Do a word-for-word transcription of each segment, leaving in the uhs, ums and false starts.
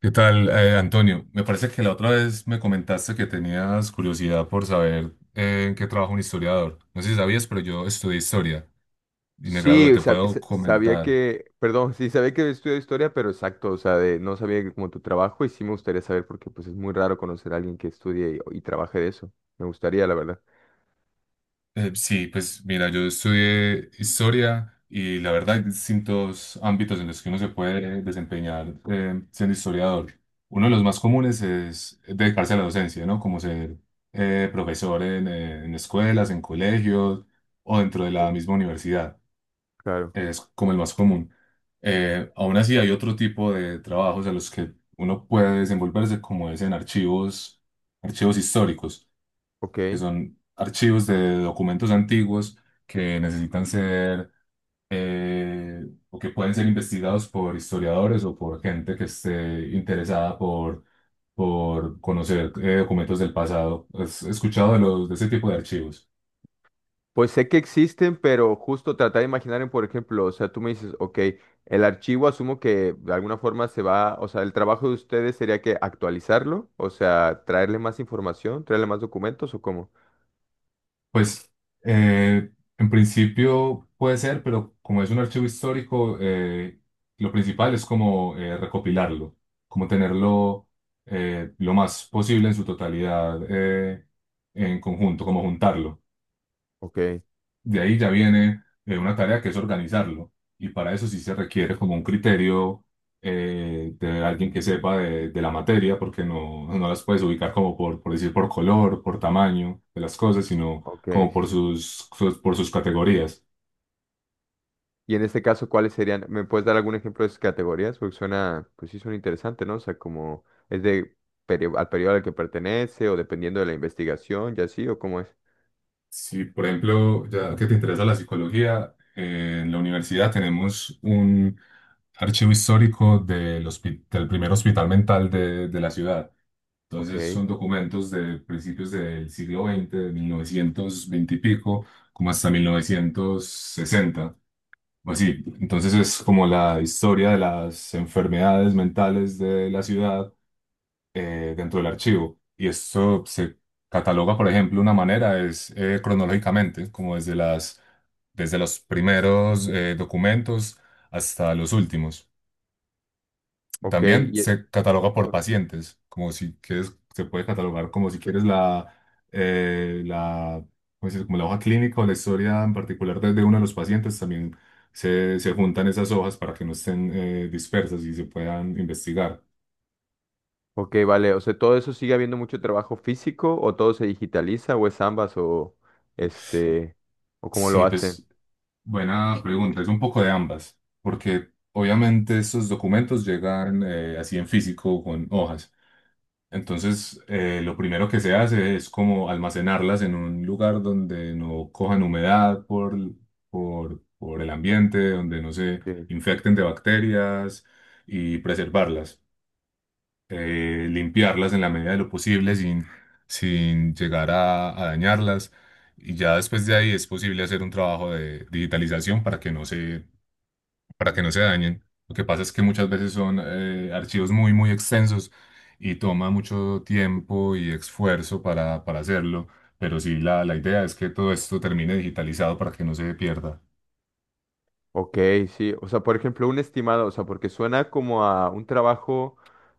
¿Qué tal, eh, Antonio? Me parece que la otra vez me comentaste que tenías curiosidad por saber eh, en qué trabaja un historiador. No sé si sabías, pero yo estudié historia y me gradué. Sí, ¿Te sa- puedo sa- sabía comentar? que, perdón, sí, sabía que estudió historia, pero exacto, o sea, de, no sabía que como tu trabajo, y sí me gustaría saber porque pues es muy raro conocer a alguien que estudie y, y trabaje de eso. Me gustaría, la verdad. Eh, sí, pues mira, yo estudié historia y la verdad hay distintos ámbitos en los que uno se puede desempeñar eh, siendo historiador. Uno de los más comunes es dedicarse a la docencia, ¿no? Como ser eh, profesor en eh, en escuelas, en colegios o dentro de la Sí. misma universidad. Claro, es como el más común. Eh, aún así hay otro tipo de trabajos a los que uno puede desenvolverse, como es en archivos, archivos históricos, ok. que son archivos de documentos antiguos que necesitan ser eh, o que pueden ser investigados por historiadores o por gente que esté interesada por, por conocer eh, documentos del pasado. ¿Has escuchado de los, de ese tipo de archivos? Pues sé que existen, pero justo tratar de imaginar, en, por ejemplo, o sea, tú me dices, ok, el archivo asumo que de alguna forma se va, o sea, el trabajo de ustedes sería que actualizarlo, o sea, traerle más información, traerle más documentos o cómo. Pues eh, en principio puede ser, pero como es un archivo histórico, eh, lo principal es como eh, recopilarlo, como tenerlo eh, lo más posible en su totalidad eh, en conjunto, como juntarlo. Ok, De ahí ya viene eh, una tarea que es organizarlo. Y para eso sí se requiere como un criterio eh, de alguien que sepa de, de la materia, porque no, no las puedes ubicar como por, por decir por color, por tamaño de las cosas, sino ok, como sí, por sí, sí. sus, sus- por sus categorías. Y en este caso, ¿cuáles serían? ¿Me puedes dar algún ejemplo de esas categorías? Porque suena, pues sí, suena interesante, ¿no? O sea, como es de perio- al periodo al que pertenece o dependiendo de la investigación, ya así, o cómo es. Si, por ejemplo, ya que te interesa la psicología, eh, en la universidad tenemos un archivo histórico del, hospi- del primer hospital mental de de la ciudad. Ok, Entonces son documentos de principios del siglo veinte, de mil novecientos veinte y pico, como hasta mil novecientos sesenta, o así. Entonces es como la historia de las enfermedades mentales de la ciudad eh, dentro del archivo. Y esto se cataloga, por ejemplo, una manera es eh, cronológicamente, como desde las, desde los primeros eh, documentos hasta los últimos. ok, También y- se cataloga por pacientes, como si quieres, se puede catalogar como si quieres la, eh, la, ¿cómo se dice? Como la hoja clínica o la historia en particular de, de uno de los pacientes, también se, se juntan esas hojas para que no estén eh, dispersas y se puedan investigar. ok, vale. O sea, ¿todo eso sigue habiendo mucho trabajo físico o todo se digitaliza o es ambas o este, o cómo lo Sí, hacen? pues buena pregunta, es un poco de ambas, porque obviamente esos documentos llegan eh, así en físico con hojas. Entonces, eh, lo primero que se hace es como almacenarlas en un lugar donde no cojan humedad por, por, por el ambiente, donde no se infecten de bacterias y preservarlas, Eh, limpiarlas en la medida de lo posible sin, sin llegar a, a dañarlas. Y ya después de ahí es posible hacer un trabajo de digitalización para que no se para que no se dañen. Lo que pasa es que muchas veces son eh, archivos muy, muy extensos y toma mucho tiempo y esfuerzo para, para hacerlo, pero sí, la, la idea es que todo esto termine digitalizado para que no se pierda. Ok, sí, o sea, por ejemplo, un estimado, o sea, porque suena como a un trabajo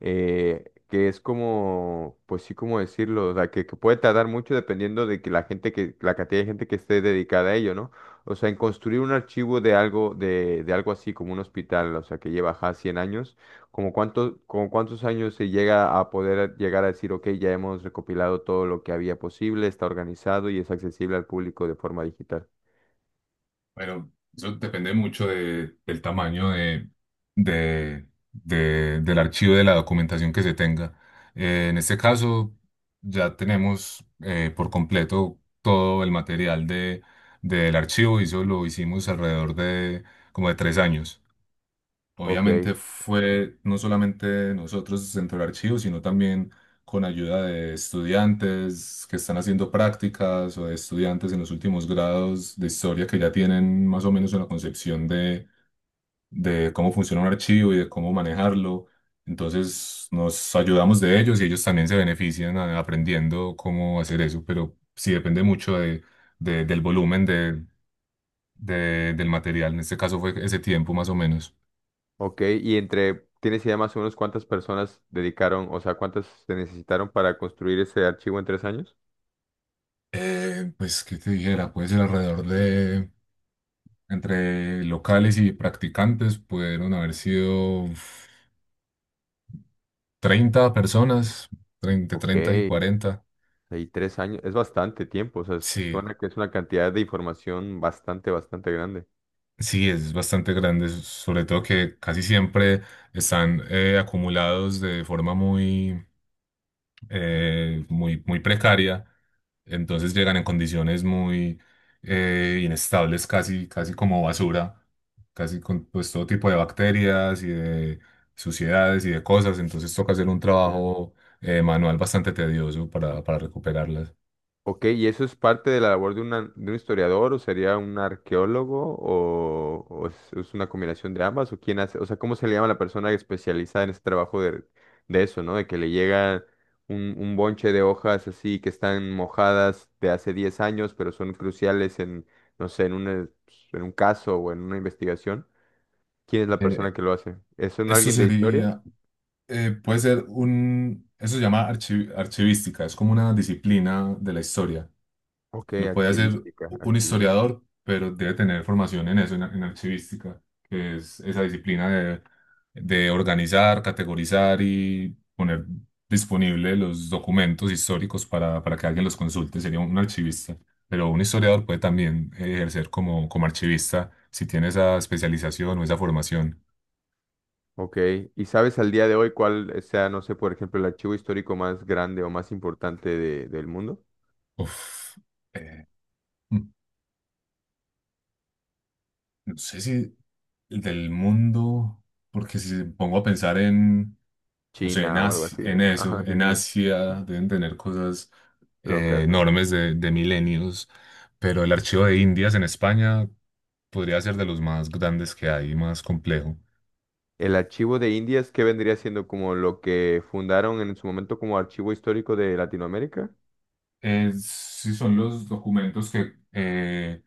eh, que es como, pues sí, como decirlo, o sea, que, que puede tardar mucho dependiendo de que la gente que, la cantidad de gente que esté dedicada a ello, ¿no? O sea, en construir un archivo de algo, de, de algo así como un hospital, o sea, que lleva ya cien años, ¿como cuánto, como cuántos años se llega a poder llegar a decir, ok, ya hemos recopilado todo lo que había posible, está organizado y es accesible al público de forma digital? Bueno, eso depende mucho de- del tamaño de, de- de- del archivo de la documentación que se tenga. Eh, en este caso, ya tenemos eh, por completo todo el material de, del archivo y eso lo hicimos alrededor de como de tres años. Ok. Obviamente fue no solamente nosotros centro del archivo, sino también con ayuda de estudiantes que están haciendo prácticas o de estudiantes en los últimos grados de historia que ya tienen más o menos una concepción de, de cómo funciona un archivo y de cómo manejarlo. Entonces nos ayudamos de ellos y ellos también se benefician a- aprendiendo cómo hacer eso, pero sí depende mucho de, de- del volumen de, de- del material. En este caso fue ese tiempo más o menos. Ok, y entre, ¿tienes idea más o menos cuántas personas dedicaron, o sea, cuántas se necesitaron para construir ese archivo en tres años? Eh, pues, ¿qué te dijera? Puede ser alrededor de, entre locales y practicantes, pudieron haber sido uf, treinta personas, treinta Ok, 30 y cuarenta. hay tres años, es bastante tiempo, o sea, Sí, suena que es una cantidad de información bastante, bastante grande. sí, es bastante grande, s- sobre todo que casi siempre están eh, acumulados de forma muy, eh, muy, muy precaria. Entonces llegan en condiciones muy eh, inestables, casi, casi como basura, casi con pues, todo tipo de bacterias y de suciedades y de cosas. Entonces toca hacer un Sí. trabajo eh, manual bastante tedioso para, para recuperarlas. Ok, ¿y eso es parte de la labor de, una- de un historiador o sería un arqueólogo o, o es, es una combinación de ambas? ¿O quién hace? O sea, ¿cómo se le llama a la persona especializada en ese trabajo de, de eso, ¿no? De que le llega un, un bonche de hojas así que están mojadas de hace diez años, pero son cruciales en, no sé, en una- en un caso o en una investigación. ¿Quién es la persona Eh, que lo hace? ¿Es un eso alguien de historia? sería, eh, puede ser un, eso se llama archi- archivística, es como una disciplina de la historia. Ok, Lo puede hacer archivística, un archivística. historiador, pero debe tener formación en eso, en, en archivística, que es esa disciplina de, de organizar, categorizar y poner disponible los documentos históricos para, para que alguien los consulte. Sería un archivista. Pero un historiador puede también eh, ejercer como, como archivista si tiene esa especialización o esa formación. Ok, ¿y sabes al día de hoy cuál sea, no sé, por ejemplo, el archivo histórico más grande o más importante de- del mundo? Uf. eh, No sé si el del mundo, porque si pongo a pensar en, no sé, en China o algo Asi- así, ¿no? en eso, Ajá, sí, en sí. Asia deben tener cosas eh, Locas, ¿no? enormes de, de milenios, pero el archivo de Indias en España podría ser de los más grandes que hay, más complejo. El archivo de Indias, ¿qué vendría siendo como lo que fundaron en su momento como archivo histórico de Latinoamérica? Eh, sí, son los documentos que, eh,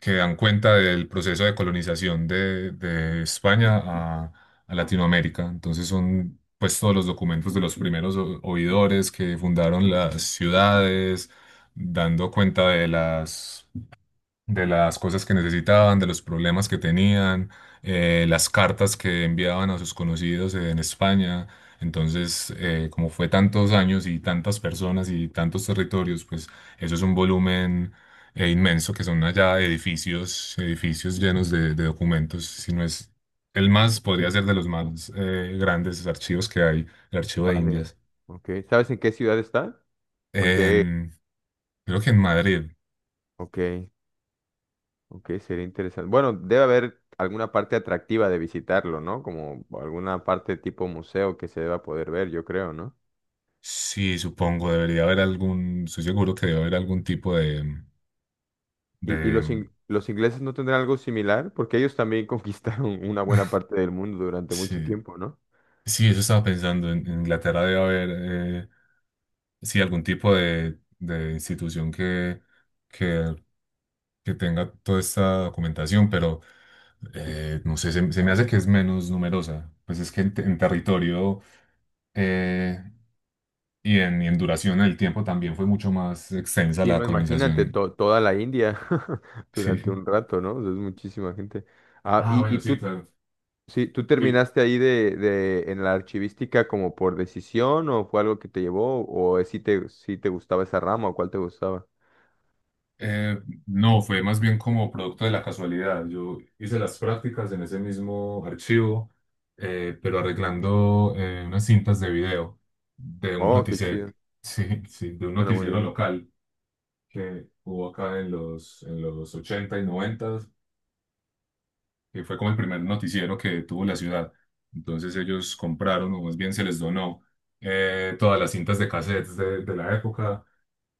que dan cuenta del proceso de colonización de, de España a, a Latinoamérica. Entonces son pues todos los documentos de los primeros o- oidores que fundaron las ciudades, dando cuenta de las de las cosas que necesitaban, de los problemas que tenían, eh, las cartas que enviaban a sus conocidos en España. Entonces, eh, como fue tantos años y tantas personas y tantos territorios, pues eso es un volumen eh, inmenso que son allá edificios, edificios llenos de, de documentos, si no es el más, podría Sí. ser de los más eh, grandes archivos que hay, el archivo de Vale. Indias. Ok, ¿sabes en qué ciudad está? ¿O en qué? En- creo que en Madrid. Ok, ok, sería interesante. Bueno, debe haber alguna parte atractiva de visitarlo, ¿no? Como alguna parte tipo museo que se deba poder ver, yo creo, ¿no? Sí, supongo, debería haber algún, estoy seguro que debe haber algún tipo de, ¿Y, y de, los, ing- los ingleses no tendrán algo similar? Porque ellos también conquistaron una buena parte del mundo durante mucho sí, tiempo, ¿no? sí, eso estaba pensando, en, en, Inglaterra debe haber, eh, sí, algún tipo de, de institución que, que, que tenga toda esta documentación, pero eh, no sé, se, se me hace que es menos numerosa, pues es que en, te- en territorio eh, y en, y en duración del tiempo también fue mucho más extensa Sí, la no, imagínate colonización, to- toda la India durante sí. un rato, ¿no? O sea, es muchísima gente. Ah, Ah, y, bueno, y sí, tú, claro. sí, tú Sí, terminaste ahí de, de, en la archivística como por decisión o fue algo que te llevó o si te, si te gustaba esa rama o cuál te gustaba. Eh, no, fue más bien como producto de la casualidad. Yo hice las prácticas en ese mismo archivo, eh, pero arreglando eh, unas cintas de video de un Oh, qué noticiero, chido. sí, sí, de un Suena muy noticiero bien. local que hubo acá en los, en los ochenta y noventa, que fue como el primer noticiero que tuvo la ciudad. Entonces ellos compraron, o más bien se les donó, eh, todas las cintas de cassettes de, de la época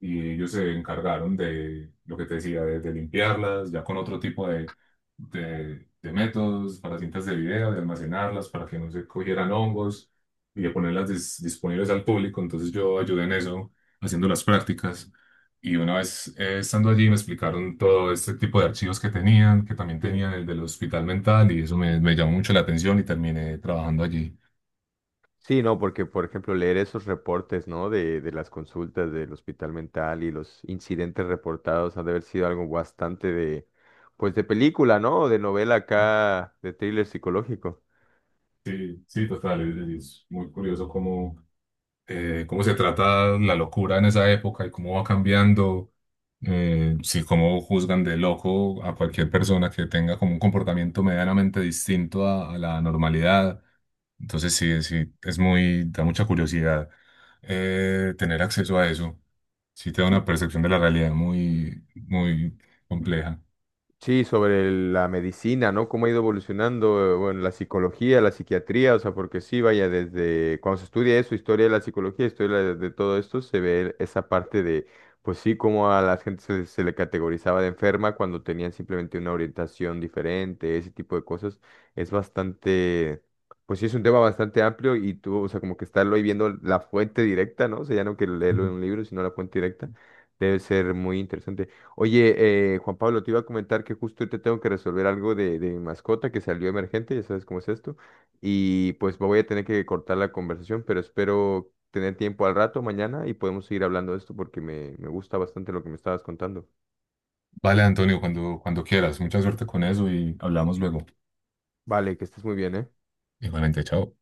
y ellos se encargaron de lo que te decía, de, de limpiarlas, ya con otro tipo de, de, de métodos para cintas de video, de almacenarlas para que no se cogieran hongos y de ponerlas dis- disponibles al público. Entonces yo ayudé en eso, haciendo las prácticas. Y una vez eh, estando allí me explicaron todo este tipo de archivos que tenían, que también Sí. tenían el del hospital mental y eso me, me llamó mucho la atención y terminé trabajando allí. Sí, no, porque por ejemplo leer esos reportes, ¿no? De, de las consultas del hospital mental y los incidentes reportados han de haber sido algo bastante de, pues de película, ¿no? De novela acá, de thriller psicológico. Sí, sí, total, es, es muy curioso cómo eh, cómo se trata la locura en esa época y cómo va cambiando, eh, si cómo juzgan de loco a cualquier persona que tenga como un comportamiento medianamente distinto a, a la normalidad. Entonces sí, sí, es muy, da mucha curiosidad eh, tener acceso a eso. Sí te da una percepción de la realidad muy, muy compleja. Sí, sobre el- la medicina, ¿no? Cómo ha ido evolucionando, eh, bueno, la psicología, la psiquiatría, o sea, porque sí, vaya, desde cuando se estudia eso, historia de la psicología, historia de, de todo esto, se ve esa parte de, pues sí, cómo a la gente se, se le categorizaba de enferma cuando tenían simplemente una orientación diferente, ese tipo de cosas. Es bastante, pues sí, es un tema bastante amplio y tú, o sea, como que estarlo ahí viendo la fuente directa, ¿no? O sea, ya no que leerlo Ujú. en un libro, sino la fuente directa, debe ser muy interesante. Oye, eh, Juan Pablo, te iba a comentar que justo ahorita tengo que resolver algo de, de mi mascota que salió emergente, ya sabes cómo es esto, y pues voy a tener que cortar la conversación, pero espero tener tiempo al rato mañana y podemos seguir hablando de esto porque me, me gusta bastante lo que me estabas contando. Vale, Antonio, cuando, cuando quieras. Mucha suerte con eso y hablamos luego. Vale, que estés muy bien, ¿eh? Igualmente, chao.